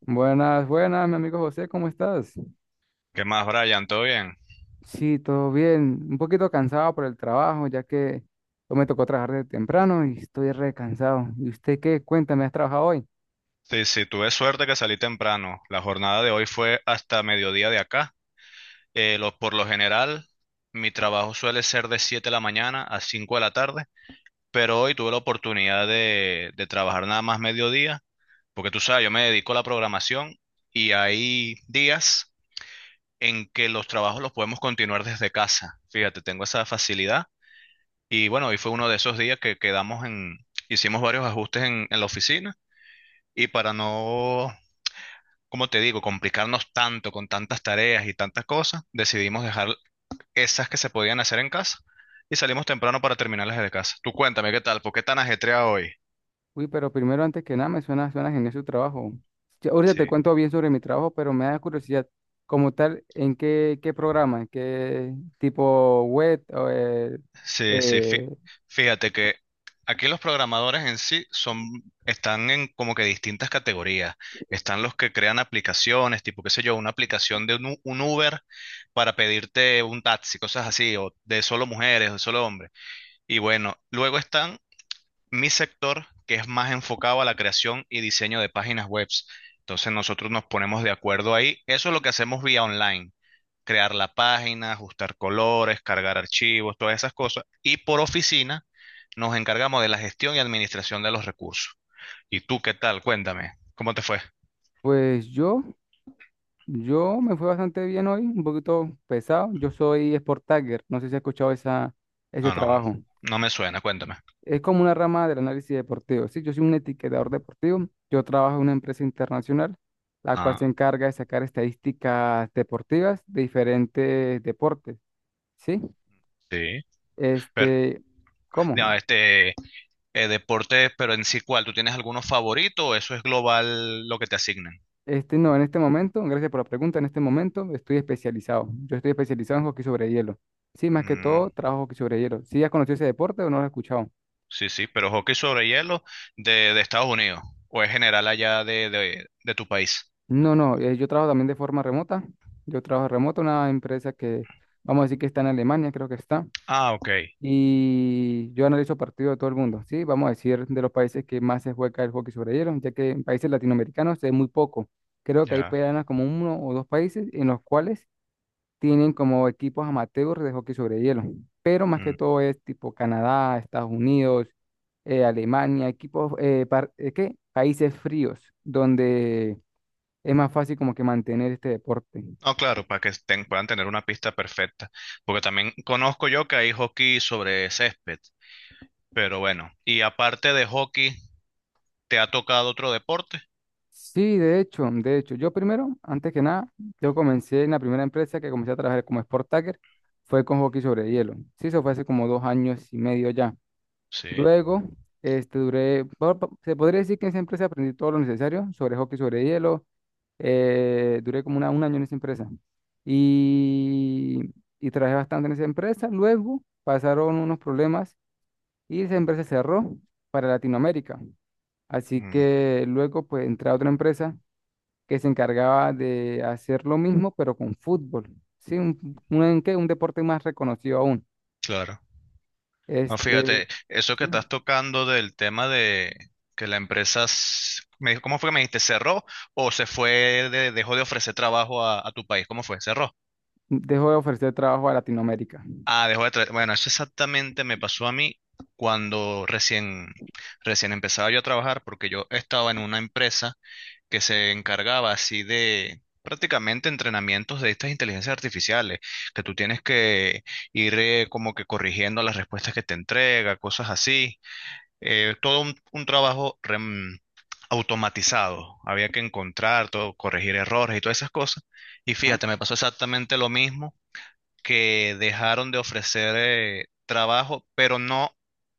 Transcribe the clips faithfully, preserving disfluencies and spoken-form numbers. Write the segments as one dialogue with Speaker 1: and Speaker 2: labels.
Speaker 1: Buenas, buenas, mi amigo José, ¿cómo estás?
Speaker 2: ¿Qué más, Brian? ¿Todo bien?
Speaker 1: Sí, todo bien. Un poquito cansado por el trabajo, ya que hoy me tocó trabajar de temprano y estoy recansado. ¿Y usted qué? Cuéntame, ¿has trabajado hoy?
Speaker 2: Sí, sí, tuve suerte que salí temprano. La jornada de hoy fue hasta mediodía de acá. Eh, lo- por lo general, mi trabajo suele ser de siete de la mañana a cinco de la tarde, pero hoy tuve la oportunidad de, de trabajar nada más mediodía, porque tú sabes, yo me dedico a la programación y hay días en que los trabajos los podemos continuar desde casa. Fíjate, tengo esa facilidad. Y bueno, hoy fue uno de esos días que quedamos en, hicimos varios ajustes en en la oficina. Y para no, como te digo, complicarnos tanto con tantas tareas y tantas cosas, decidimos dejar esas que se podían hacer en casa y salimos temprano para terminarlas desde casa. Tú cuéntame, ¿qué tal? ¿Por qué tan ajetreado hoy?
Speaker 1: Uy, pero primero, antes que nada, me suena, suena genial su trabajo. Ya, ahorita
Speaker 2: Sí,
Speaker 1: te cuento bien sobre mi trabajo, pero me da curiosidad, como tal, ¿en qué, qué programa? ¿En qué tipo web? O, eh,
Speaker 2: sí, sí. fí-
Speaker 1: eh,
Speaker 2: Fíjate que aquí los programadores en sí son, están en como que distintas categorías. Están los que crean aplicaciones, tipo, qué sé yo, una aplicación de un, U- un Uber para pedirte un taxi, cosas así, o de solo mujeres, o de solo hombres. Y bueno, luego están mi sector, que es más enfocado a la creación y diseño de páginas web. Entonces nosotros nos ponemos de acuerdo ahí. Eso es lo que hacemos vía online. Crear la página, ajustar colores, cargar archivos, todas esas cosas. Y por oficina nos encargamos de la gestión y administración de los recursos. ¿Y tú qué tal? Cuéntame, ¿cómo te fue?
Speaker 1: pues yo. Yo me fue bastante bien hoy, un poquito pesado. Yo soy Sport Tagger, no sé si has escuchado esa, ese
Speaker 2: No, no, no.
Speaker 1: trabajo.
Speaker 2: No me suena, cuéntame.
Speaker 1: Es como una rama del análisis deportivo. Sí, yo soy un etiquetador deportivo. Yo trabajo en una empresa internacional, la cual se
Speaker 2: Ah,
Speaker 1: encarga de sacar estadísticas deportivas de diferentes deportes. Sí,
Speaker 2: sí. Pero,
Speaker 1: este, ¿cómo?
Speaker 2: no, este, eh, deporte, pero en sí, ¿cuál? ¿Tú tienes alguno favorito o eso es global lo que te asignan?
Speaker 1: Este, no, en este momento, gracias por la pregunta, en este momento estoy especializado. Yo estoy especializado en hockey sobre hielo. Sí, más que todo, trabajo hockey sobre hielo. ¿Sí has conocido ese deporte o no lo has escuchado?
Speaker 2: Sí, sí, pero hockey sobre hielo de, de Estados Unidos o es general allá de, de, de tu país.
Speaker 1: No, no, eh, yo trabajo también de forma remota. Yo trabajo remoto, una empresa que vamos a decir que está en Alemania, creo que está.
Speaker 2: Ah, ok,
Speaker 1: Y yo analizo partidos de todo el mundo, ¿sí? Vamos a decir de los países que más se juega el hockey sobre hielo, ya que en países latinoamericanos es muy poco. Creo que hay
Speaker 2: ya.
Speaker 1: apenas como uno o dos países en los cuales tienen como equipos amateurs de hockey sobre hielo. Pero más que
Speaker 2: Mm.
Speaker 1: todo es tipo Canadá, Estados Unidos, eh, Alemania, equipos, eh, par- eh, ¿qué? Países fríos, donde es más fácil como que mantener este deporte.
Speaker 2: No, claro, para que ten- puedan tener una pista perfecta, porque también conozco yo que hay hockey sobre césped, pero bueno, y aparte de hockey, ¿te ha tocado otro deporte?
Speaker 1: Sí, de hecho, de hecho, yo primero, antes que nada, yo comencé en la primera empresa que comencé a trabajar como Sport Tagger, fue con hockey sobre hielo. Sí, eso fue hace como dos años y medio ya.
Speaker 2: Sí.
Speaker 1: Luego, este, duré, po- po- se podría decir que en esa empresa aprendí todo lo necesario sobre hockey sobre hielo. Eh, duré como una, un año en esa empresa y, y trabajé bastante en esa empresa. Luego pasaron unos problemas y esa empresa cerró para Latinoamérica. Así
Speaker 2: Mm,
Speaker 1: que luego pues entré a otra empresa que se encargaba de hacer lo mismo, pero con fútbol. Sí, un, un, ¿qué? Un deporte más reconocido aún.
Speaker 2: claro. No,
Speaker 1: Este,
Speaker 2: fíjate, eso que
Speaker 1: sí,
Speaker 2: estás tocando del tema de que la empresa, s- me dijo- ¿cómo fue que me dijiste? ¿Cerró o se fue, de- dejó de ofrecer trabajo a, a tu país? ¿Cómo fue? ¿Cerró?
Speaker 1: dejó de ofrecer trabajo a Latinoamérica.
Speaker 2: Ah, dejó de tra- bueno, eso exactamente me pasó a mí cuando recién, recién empezaba yo a trabajar, porque yo estaba en una empresa que se encargaba así de prácticamente entrenamientos de estas inteligencias artificiales, que tú tienes que ir eh, como que corrigiendo las respuestas que te entrega, cosas así. Eh, todo un, un trabajo rem- automatizado. Había que encontrar todo, corregir errores y todas esas cosas. Y
Speaker 1: Ajá.
Speaker 2: fíjate, me pasó exactamente lo mismo que dejaron de ofrecer eh, trabajo, pero no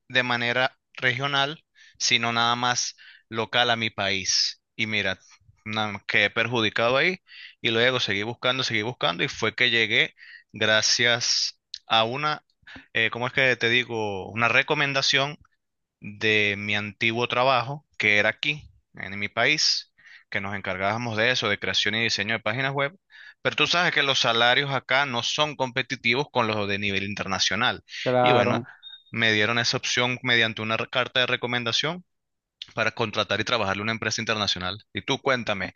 Speaker 2: de manera regional, sino nada más local a mi país. Y mira, na- quedé perjudicado ahí y luego seguí buscando, seguí buscando y fue que llegué gracias a una, eh, ¿cómo es que te digo? Una recomendación de mi antiguo trabajo, que era aquí, en mi país, que nos encargábamos de eso, de creación y diseño de páginas web. Pero tú sabes que los salarios acá no son competitivos con los de nivel internacional. Y bueno,
Speaker 1: Claro.
Speaker 2: me dieron esa opción mediante una re- carta de recomendación para contratar y trabajarle a una empresa internacional. Y tú cuéntame,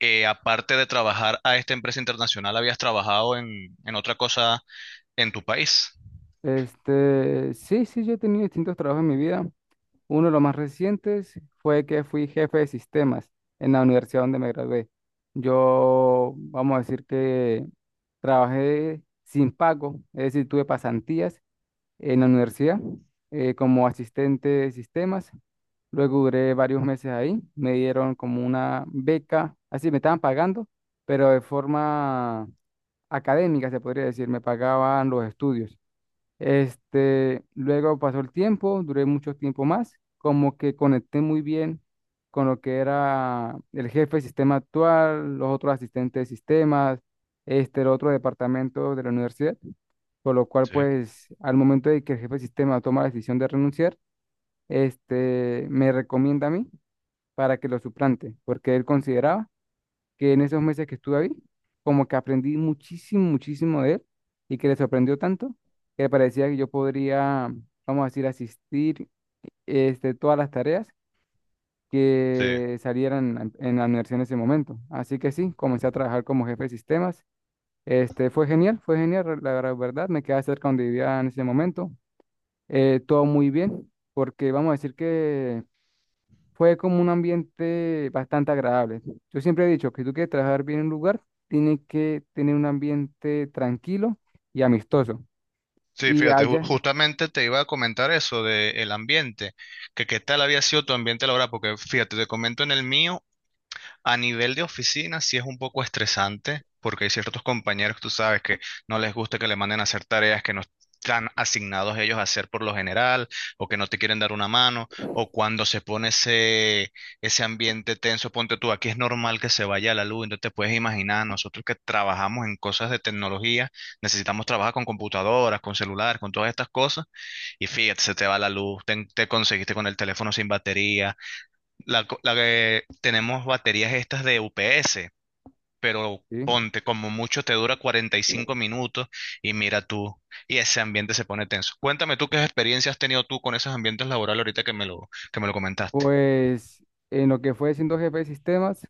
Speaker 2: eh, aparte de trabajar a esta empresa internacional, ¿habías trabajado en, en otra cosa en tu país?
Speaker 1: Este, sí, sí, yo he tenido distintos trabajos en mi vida. Uno de los más recientes fue que fui jefe de sistemas en la universidad donde me gradué. Yo, vamos a decir que trabajé sin pago, es decir, tuve pasantías en la universidad eh, como asistente de sistemas. Luego duré varios meses ahí, me dieron como una beca, así me estaban pagando, pero de forma académica, se podría decir, me pagaban los estudios. Este, luego pasó el tiempo, duré mucho tiempo más, como que conecté muy bien con lo que era el jefe de sistema actual, los otros asistentes de sistemas, este, el otro departamento de la universidad, por lo cual
Speaker 2: Sí,
Speaker 1: pues al momento de que el jefe de sistema toma la decisión de renunciar, este, me recomienda a mí para que lo suplante, porque él consideraba que en esos meses que estuve ahí, como que aprendí muchísimo, muchísimo de él y que le sorprendió tanto que le parecía que yo podría, vamos a decir, asistir este, todas las tareas
Speaker 2: sí.
Speaker 1: que salieran en en la universidad en ese momento. Así que sí, comencé a trabajar como jefe de sistemas. Este, fue genial, fue genial, la gra- verdad, me quedaba cerca donde vivía en ese momento. Eh, todo muy bien, porque vamos a decir que fue como un ambiente bastante agradable. Yo siempre he dicho que tú quieres trabajar bien en un lugar, tienes que tener un ambiente tranquilo y amistoso.
Speaker 2: Sí,
Speaker 1: Y
Speaker 2: fíjate, ju-
Speaker 1: allá,
Speaker 2: justamente te iba a comentar eso del ambiente, que qué tal había sido tu ambiente laboral, porque fíjate, te comento en el mío, a nivel de oficina sí es un poco estresante porque hay ciertos compañeros, tú sabes, que no les gusta que le manden a hacer tareas que no están asignados ellos a hacer por lo general o que no te quieren dar una mano o cuando se pone ese, ese ambiente tenso, ponte tú, aquí es normal que se vaya la luz, entonces te puedes imaginar, nosotros que trabajamos en cosas de tecnología, necesitamos trabajar con computadoras, con celulares, con todas estas cosas y fíjate, se te va la luz, te, te conseguiste con el teléfono sin batería la, co- la que tenemos baterías estas de U P S, pero
Speaker 1: ¿sí?
Speaker 2: ponte, como mucho te dura cuarenta y cinco minutos y mira tú, y ese ambiente se pone tenso. Cuéntame tú qué experiencia has tenido tú con esos ambientes laborales ahorita que me lo, que me lo comentaste.
Speaker 1: Pues en lo que fue siendo jefe de sistemas,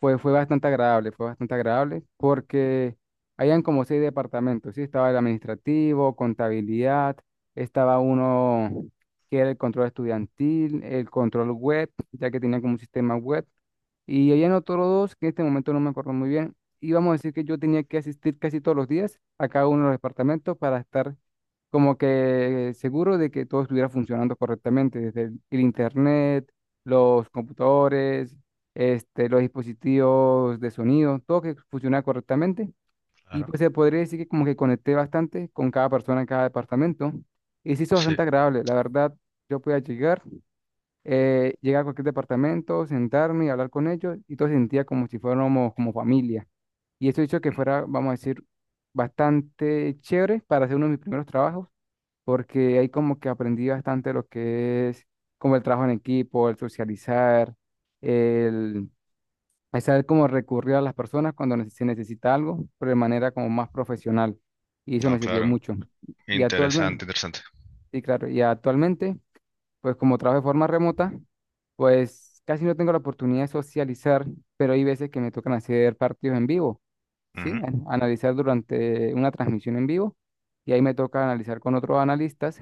Speaker 1: fue, fue bastante agradable, fue bastante agradable porque habían como seis departamentos, ¿sí? Estaba el administrativo, contabilidad, estaba uno que era el control estudiantil, el control web, ya que tenía como un sistema web, y habían otros dos que en este momento no me acuerdo muy bien. Y vamos a decir que yo tenía que asistir casi todos los días a cada uno de los departamentos para estar como que seguro de que todo estuviera funcionando correctamente, desde el, el internet, los computadores, este, los dispositivos de sonido, todo que funcionara correctamente. Y
Speaker 2: Claro,
Speaker 1: pues se podría decir que como que conecté bastante con cada persona en cada departamento. Y se hizo
Speaker 2: sí.
Speaker 1: bastante agradable, la verdad. Yo podía llegar, eh, llegar a cualquier departamento, sentarme y hablar con ellos, y todo se sentía como si fuéramos como familia. Y eso hizo que fuera, vamos a decir, bastante chévere para hacer uno de mis primeros trabajos porque ahí como que aprendí bastante lo que es como el trabajo en equipo, el socializar, el, el saber cómo recurrir a las personas cuando nece- se necesita algo, pero de manera como más profesional. Y eso
Speaker 2: No,
Speaker 1: me sirvió
Speaker 2: claro,
Speaker 1: mucho. Y actualmente,
Speaker 2: interesante, interesante.
Speaker 1: sí, claro, y actualmente, pues como trabajo de forma remota, pues casi no tengo la oportunidad de socializar, pero hay veces que me tocan hacer partidos en vivo, ¿sí? An- Analizar durante una transmisión en vivo y ahí me toca analizar con otros analistas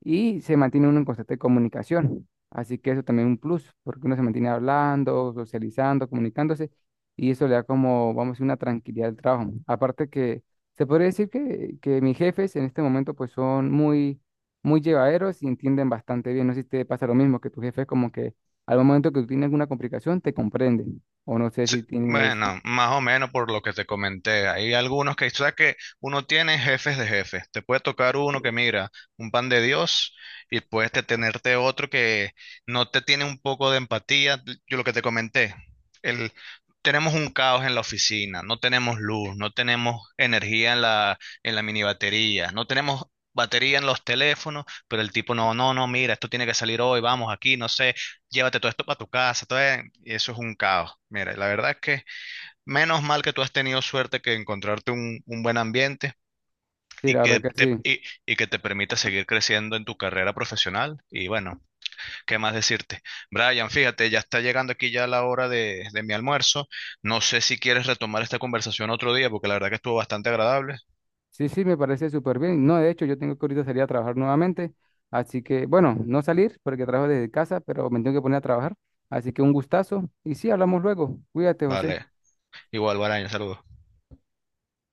Speaker 1: y se mantiene uno en constante comunicación. Así que eso también es un plus, porque uno se mantiene hablando, socializando, comunicándose, y eso le da como, vamos a decir, una tranquilidad al trabajo. Aparte que se podría decir que, que mis jefes en este momento pues son muy, muy llevaderos y entienden bastante bien. No sé si te pasa lo mismo, que tu jefe es como que al momento que tú tienes alguna complicación te comprende, o no sé
Speaker 2: Sí,
Speaker 1: si tienes,
Speaker 2: bueno, más o menos por lo que te comenté. Hay algunos que, o sea, que uno tiene jefes de jefes. Te puede tocar uno que mira, un pan de Dios, y puedes te- tenerte otro que no te tiene un poco de empatía. Yo lo que te comenté, el, tenemos un caos en la oficina, no tenemos luz, no tenemos energía en la, en la mini batería, no tenemos batería en los teléfonos, pero el tipo no, no, no, mira, esto tiene que salir hoy, vamos aquí, no sé, llévate todo esto para tu casa, todo e- y eso es un caos. Mira, la verdad es que menos mal que tú has tenido suerte que encontrarte un, un buen ambiente
Speaker 1: sí,
Speaker 2: y
Speaker 1: la verdad
Speaker 2: que
Speaker 1: que
Speaker 2: te,
Speaker 1: sí.
Speaker 2: y, y que te permita seguir creciendo en tu carrera profesional. Y bueno, ¿qué más decirte? Brian, fíjate, ya está llegando aquí ya la hora de, de mi almuerzo. No sé si quieres retomar esta conversación otro día, porque la verdad que estuvo bastante agradable.
Speaker 1: Sí, sí, me parece súper bien. No, de hecho, yo tengo que ahorita salir a trabajar nuevamente. Así que, bueno, no salir porque trabajo desde casa, pero me tengo que poner a trabajar. Así que un gustazo. Y sí, hablamos luego. Cuídate, José.
Speaker 2: Vale, igual, Brian, saludos.